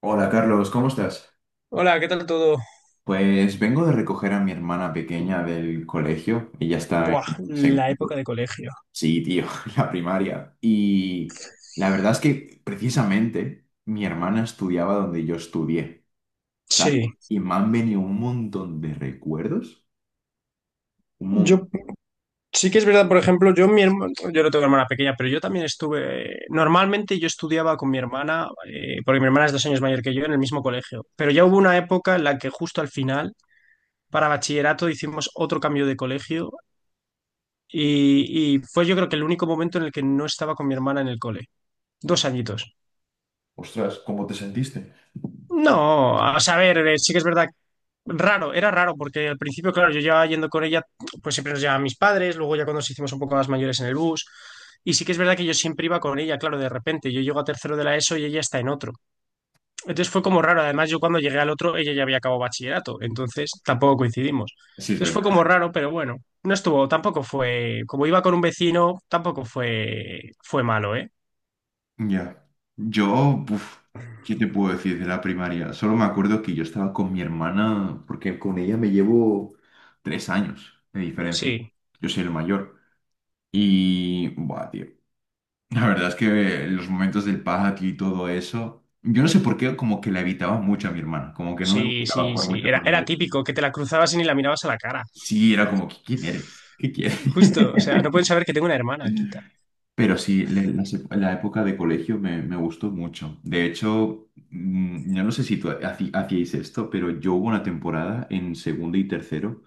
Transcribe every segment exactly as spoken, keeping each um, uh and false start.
Hola Carlos, ¿cómo estás? Hola, ¿qué tal todo? Pues vengo de recoger a mi hermana pequeña del colegio. Ella está Buah, en la época segundo. de colegio. Sí, tío, la primaria. Y la verdad es que precisamente mi hermana estudiaba donde yo estudié, ¿sabes? Sí, Y me han venido un montón de recuerdos. Un montón. yo sí que es verdad, por ejemplo, yo mi hermano, yo no tengo hermana pequeña, pero yo también estuve, normalmente yo estudiaba con mi hermana, eh, porque mi hermana es dos años mayor que yo, en el mismo colegio, pero ya hubo una época en la que justo al final, para bachillerato, hicimos otro cambio de colegio y, y fue yo creo que el único momento en el que no estaba con mi hermana en el cole. Dos añitos. Ostras, ¿cómo te sentiste? No, a saber, eh, sí que es verdad. Raro, era raro, porque al principio, claro, yo llevaba yendo con ella, pues siempre nos llevaban mis padres, luego ya cuando nos hicimos un poco más mayores en el bus, y sí que es verdad que yo siempre iba con ella, claro, de repente, yo llego a tercero de la ESO y ella está en otro. Entonces fue como raro, además yo cuando llegué al otro, ella ya había acabado bachillerato, entonces tampoco coincidimos. Sí, es Entonces fue verdad. como raro, pero bueno, no estuvo, tampoco fue, como iba con un vecino, tampoco fue, fue malo, ¿eh? Ya. Yo, uf, ¿qué te puedo decir de la primaria? Solo me acuerdo que yo estaba con mi hermana, porque con ella me llevo tres años de diferencia. Sí. Yo soy el mayor. Y, buah, tío. La verdad es que los momentos del patio y todo eso, yo no sé por qué, como que la evitaba mucho a mi hermana, como que no me Sí, gustaba sí, jugar sí. mucho Era, con era ella. típico, que te la cruzabas y ni la mirabas a la cara. Sí, era como, ¿qué- ¿quién eres? ¿Qué quieres? Justo, o sea, no pueden saber que tengo una hermana, quita. Pero sí, le- la, se- la época de colegio me, me gustó mucho. De hecho, mm, yo no sé si tú haci- hacíais esto, pero yo hubo una temporada en segundo y tercero.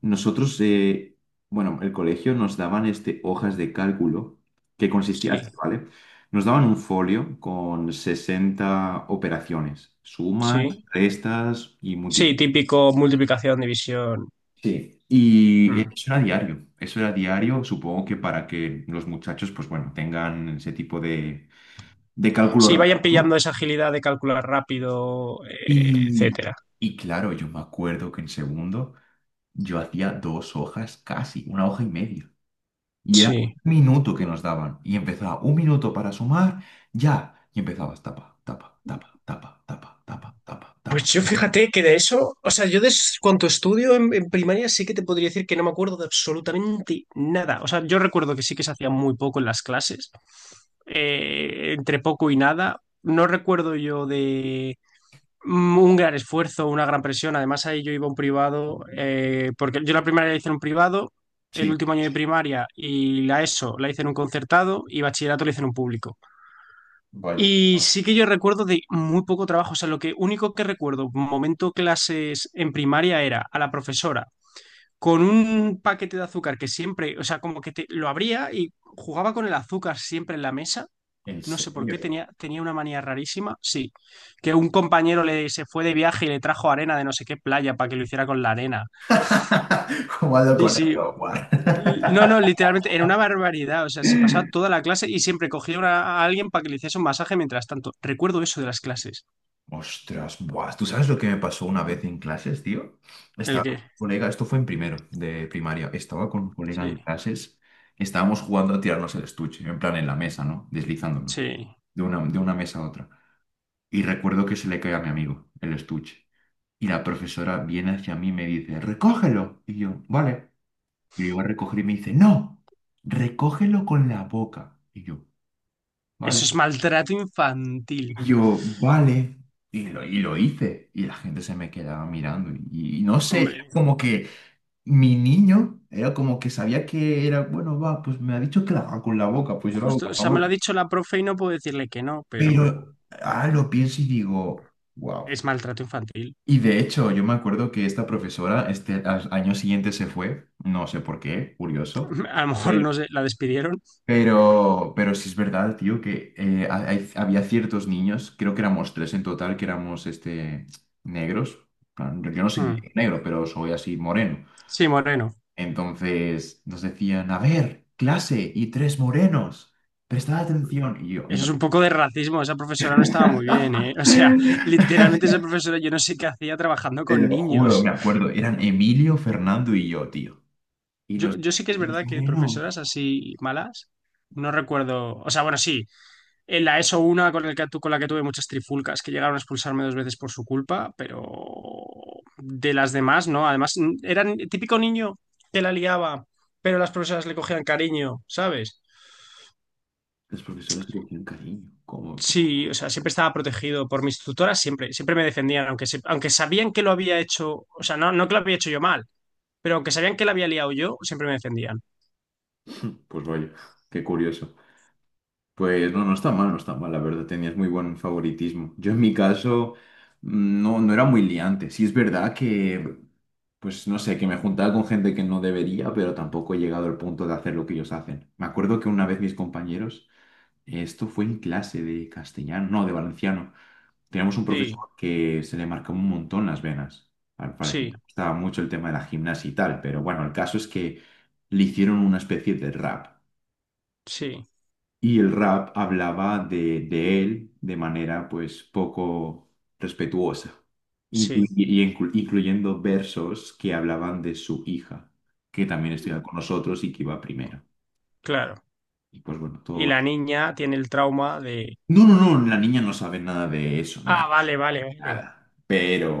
Nosotros, eh, bueno, el colegio nos daban este, hojas de cálculo que consistía así, Sí, ¿vale? Nos daban un folio con sesenta operaciones, sumas, sí. restas y Sí, múltiples. típico multiplicación, división. Sí, y Mm. eso era diario, eso era diario, supongo que para que los muchachos, pues bueno, tengan ese tipo de, de cálculo Sí, rápido, vayan ¿no? pillando esa agilidad de calcular rápido, eh, Y, etcétera. y claro, yo me acuerdo que en segundo yo hacía dos hojas casi, una hoja y media. Y era Sí. un minuto que nos daban. Y empezaba un minuto para sumar, ya. Y empezabas tapa, tapa, tapa, tapa, tapa, tapa, tapa, tapa. Pues yo fíjate que de eso, o sea, yo de s- cuanto estudio en, en primaria sí que te podría decir que no me acuerdo de absolutamente nada. O sea, yo recuerdo que sí que se hacía muy poco en las clases, eh, entre poco y nada. No recuerdo yo de mm, un gran esfuerzo, una gran presión. Además, ahí yo iba a un privado, eh, porque yo la primaria la hice en un privado, el Sí, último año de primaria y la ESO la hice en un concertado y bachillerato la hice en un público. vaya. Y sí que yo recuerdo de muy poco trabajo, o sea, lo que único que recuerdo, momento clases en primaria era a la profesora con un paquete de azúcar que siempre, o sea, como que te, lo abría y jugaba con el azúcar siempre en la mesa, ¿En no sé por qué, serio? tenía, tenía una manía rarísima, sí, que un compañero le se fue de viaje y le trajo arena de no sé qué playa para que lo hiciera con la arena. ¿Cómo ando Sí, con sí, eso? Buah. no, no, literalmente era una barbaridad, o sea, se pasaba toda la clase y siempre cogía una- a alguien para que le hiciese un masaje mientras tanto. Recuerdo eso de las clases. Ostras, buah, ¿tú sabes lo que me pasó una vez en clases, tío? ¿El Estaba con qué? un colega, esto fue en primero de primaria, estaba con un colega Sí, en clases, estábamos jugando a tirarnos el estuche, en plan en la mesa, ¿no? Deslizándolo, sí. de una, de una mesa a otra. Y recuerdo que se le cae a mi amigo el estuche. Y la profesora viene hacia mí y me dice, recógelo. Y yo, vale. Y le iba a recoger y me dice, no, recógelo con la boca. Y yo, Eso vale. es maltrato infantil. Y yo, vale. Y lo, y lo hice. Y la gente se me quedaba mirando. Y, y no sé, era Hombre, como que mi niño era como que sabía que era, bueno, va, pues me ha dicho que la haga con la boca, pues yo la hago justo, con o la sea, me lo ha boca. dicho la profe y no puedo decirle que no, pero Pero ahora lo pienso y digo, wow. es maltrato infantil. Y de hecho, yo me acuerdo que esta profesora, este al año siguiente se fue, no sé por qué, curioso. A lo mejor no sé, la despidieron. Pero, pero sí es verdad, tío, que eh, ha- hay- había ciertos niños, creo que éramos tres en total, que éramos este, negros. En plan, Yo yo no soy Mm. negro, negro, pero soy así moreno. Sí, moreno. Entonces nos decían, a ver, clase y tres morenos, prestad atención. Y yo, y Eso no. es un poco de racismo. Esa profesora no estaba muy bien, ¿eh? O sea, literalmente esa profesora yo no sé qué hacía trabajando Te con lo juro, me niños. acuerdo, eran Emilio, Fernando y yo, tío. Y Yo, nos yo decían, sé que es "Tres verdad que morenos". profesoras así malas, no recuerdo. O sea, bueno, sí. En la ESO una con, el que, tu- con la que tuve muchas trifulcas, que llegaron a expulsarme dos veces por su culpa, pero de las demás, ¿no? Además, n- era el típico niño que la liaba, pero las profesoras le cogían cariño, ¿sabes? Los profesores te cogían cariño. Como Sí, o sea, siempre estaba protegido por mis tutoras, siempre, siempre me defendían, aunque, se- aunque sabían que lo había hecho, o sea, no, no que lo había hecho yo mal, pero aunque sabían que la había liado yo, siempre me defendían. Pues vaya, qué curioso. Pues no, no está mal, no está mal, la verdad, tenías muy buen favoritismo. Yo en mi caso mm, no, no era muy liante. Sí es verdad que, pues no sé, que me juntaba con gente que no debería, pero tampoco he llegado al punto de hacer lo que ellos hacen. Me acuerdo que una vez mis compañeros, esto fue en clase de castellano, no, de valenciano, teníamos un Sí, profesor que se le marcaba un montón las venas. Al parecer le sí, gustaba mucho el tema de la gimnasia y tal, pero bueno, el caso es que le hicieron una especie de rap sí, y el rap hablaba de, de él de manera pues poco respetuosa, inclu- sí, y inclu- incluyendo versos que hablaban de su hija, que también estudiaba con nosotros y que iba primero. claro. Y pues bueno, todo Y la va. niña tiene el trauma de, No, no, no, la niña no sabe nada de eso, ah, nada, vale, vale, vale. nada.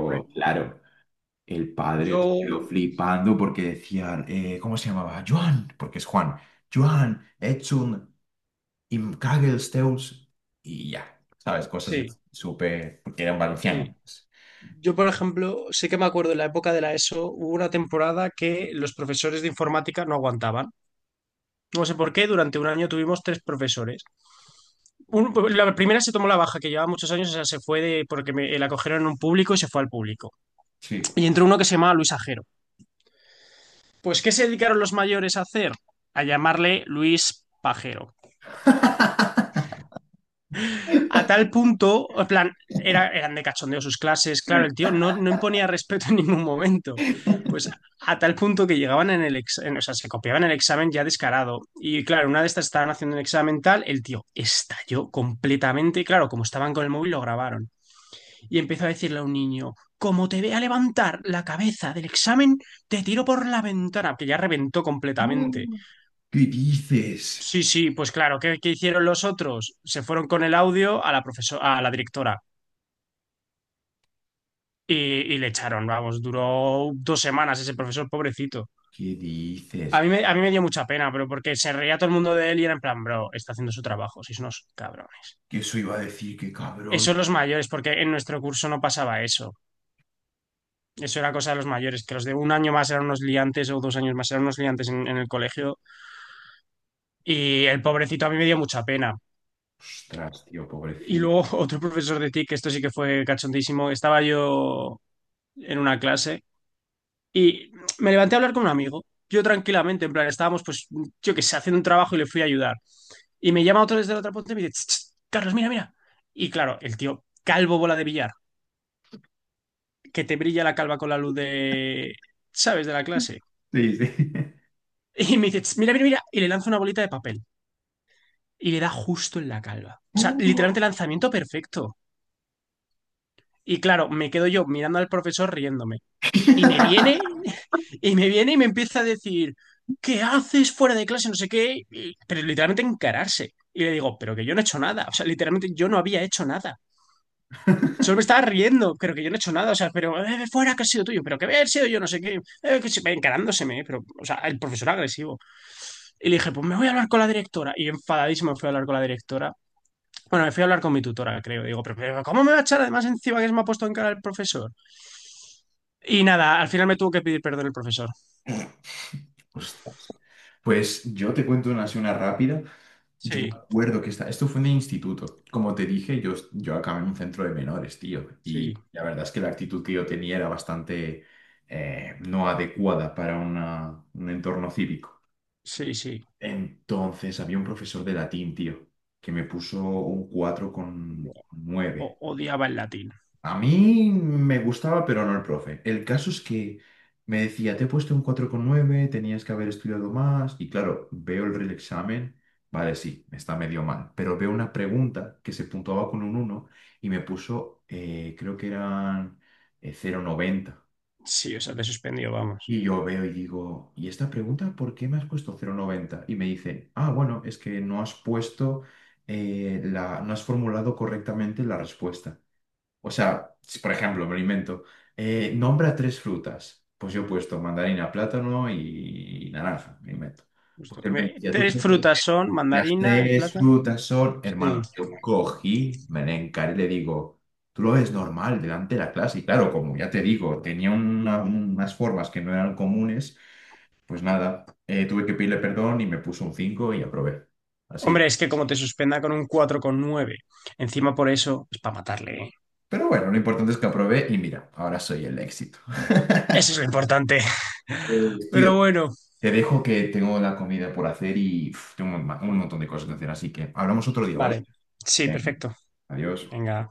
Por- claro, el padre Yo, se quedó flipando porque decían, eh, ¿cómo se llamaba? Joan, porque es Juan. Joan, Edson. Y Kaggle, Zeus y ya, ¿sabes? Cosas así, sí, súper, porque eran sí. valencianos. Yo, por ejemplo, sí que me acuerdo en la época de la ESO, hubo una temporada que los profesores de informática no aguantaban. No sé por qué, durante un año tuvimos tres profesores. Un- la primera se tomó la baja, que llevaba muchos años, o sea, se fue de, porque me, la cogieron en un público y se fue al público. Sí. Y entró uno que se llamaba Luis Ajero. Pues, ¿qué se dedicaron los mayores a hacer? A llamarle Luis Pajero. A tal punto, en plan, era, eran de cachondeo sus clases, claro, el tío no, no imponía respeto en ningún momento. Pues a tal punto que llegaban en el examen, o sea, se copiaban el examen ya descarado. Y claro, una de estas estaban haciendo un examen tal, el tío estalló completamente. Y claro, como estaban con el móvil, lo grabaron. Y empezó a decirle a un niño: como te vea levantar la cabeza del examen, te tiro por la ventana, que ya reventó completamente. Oh, ¿qué dices? Sí, sí, pues claro, ¿qué, qué hicieron los otros? Se fueron con el audio a la profesora, a la directora. Y, y le echaron, vamos, duró dos semanas ese profesor, pobrecito. ¿Qué A mí, dices? me, a mí me dio mucha pena, pero porque se reía todo el mundo de él y era en plan, bro, está haciendo su trabajo, sois unos cabrones. Que eso iba a decir, qué cabrón. Eso los mayores, porque en nuestro curso no pasaba eso. Eso era cosa de los mayores, que los de un año más eran unos liantes o dos años más eran unos liantes en, en el colegio. Y el pobrecito a mí me dio mucha pena. Ostras, tío, Y pobrecito. luego otro profesor de TIC, que esto sí que fue cachondísimo, estaba yo en una clase y me levanté a hablar con un amigo. Yo tranquilamente, en plan, estábamos, pues, yo qué sé, haciendo un trabajo y le fui a ayudar. Y me llama otro desde la otra punta y me dice, "Ch, ch, Carlos, mira, mira." Y claro, el tío, calvo bola de billar, que te brilla la calva con la luz de, ¿sabes?, de la clase. Sí, sí. Y me dice, "Ch, mira, mira, mira." Y le lanza una bolita de papel. Y le da justo en la calva. O sea, Oh. literalmente lanzamiento perfecto. Y claro, me quedo yo mirando al profesor riéndome. Y me viene, y me viene y me empieza a decir, ¿qué haces fuera de clase? No sé qué, y- pero literalmente encararse. Y le digo, pero que yo no he hecho nada, o sea, literalmente yo no había hecho nada. Solo me estaba riendo, pero que yo no he hecho nada, o sea, pero eh, fuera que ha sido tuyo, pero que haber sido yo, no sé qué, eh, que se encarándoseme, pero, o sea, el profesor agresivo. Y le dije, pues me voy a hablar con la directora. Y enfadadísimo me fui a hablar con la directora. Bueno, me fui a hablar con mi tutora, creo. Digo, pero, pero ¿cómo me va a echar además encima que se me ha puesto en cara el profesor? Y nada, al final me tuvo que pedir perdón el profesor. Ostras. Pues yo te cuento una así, una rápida. Yo me Sí, acuerdo que esta- esto fue en el instituto. Como te dije, yo, yo acabé en un centro de menores, tío. sí. Y la verdad es que la actitud que yo tenía era bastante eh, no adecuada para una- un entorno cívico. Sí, sí. Entonces había un profesor de latín, tío, que me puso un cuatro con O- nueve Odiaba el latín. A mí me gustaba, pero no el profe. El caso es que me decía, te he puesto un cuatro con nueve, tenías que haber estudiado más. Y claro, veo el reexamen, vale, sí, está medio mal, pero veo una pregunta que se puntuaba con un uno y me puso, eh, creo que eran eh, cero coma noventa. Sí, o sea, te suspendió, vamos. Y yo veo y digo, ¿y esta pregunta por qué me has puesto cero coma noventa? Y me dice, ah, bueno, es que no has puesto, eh, la, no has formulado correctamente la respuesta. O sea, si, por ejemplo, me lo invento. Eh, nombra tres frutas. Pues yo he puesto mandarina, plátano y naranja, me lo invento. Justo. Pues él me Mire, decía, tú tres tienes que- decir, frutas son las mandarina, el tres plátano. frutas son, Sí. hermano, yo cogí, me le encaré y le digo, tú lo ves normal delante de la clase. Y claro, como ya te digo, tenía una- unas formas que no eran comunes, pues nada, eh, tuve que pedirle perdón y me puso un cinco y aprobé. Así. Hombre, es que como te suspenda con un cuatro coma nueve, encima por eso es para matarle, ¿eh? Pero bueno, lo importante es que aprobé y mira, ahora soy el éxito. Eso es lo importante. Pues, tío, Pero bueno, Te dejo que tengo la comida por hacer y uf, tengo un, ma- un montón de cosas que hacer, así que hablamos otro día, ¿vale? vale. Sí, Venga, perfecto. adiós. Venga.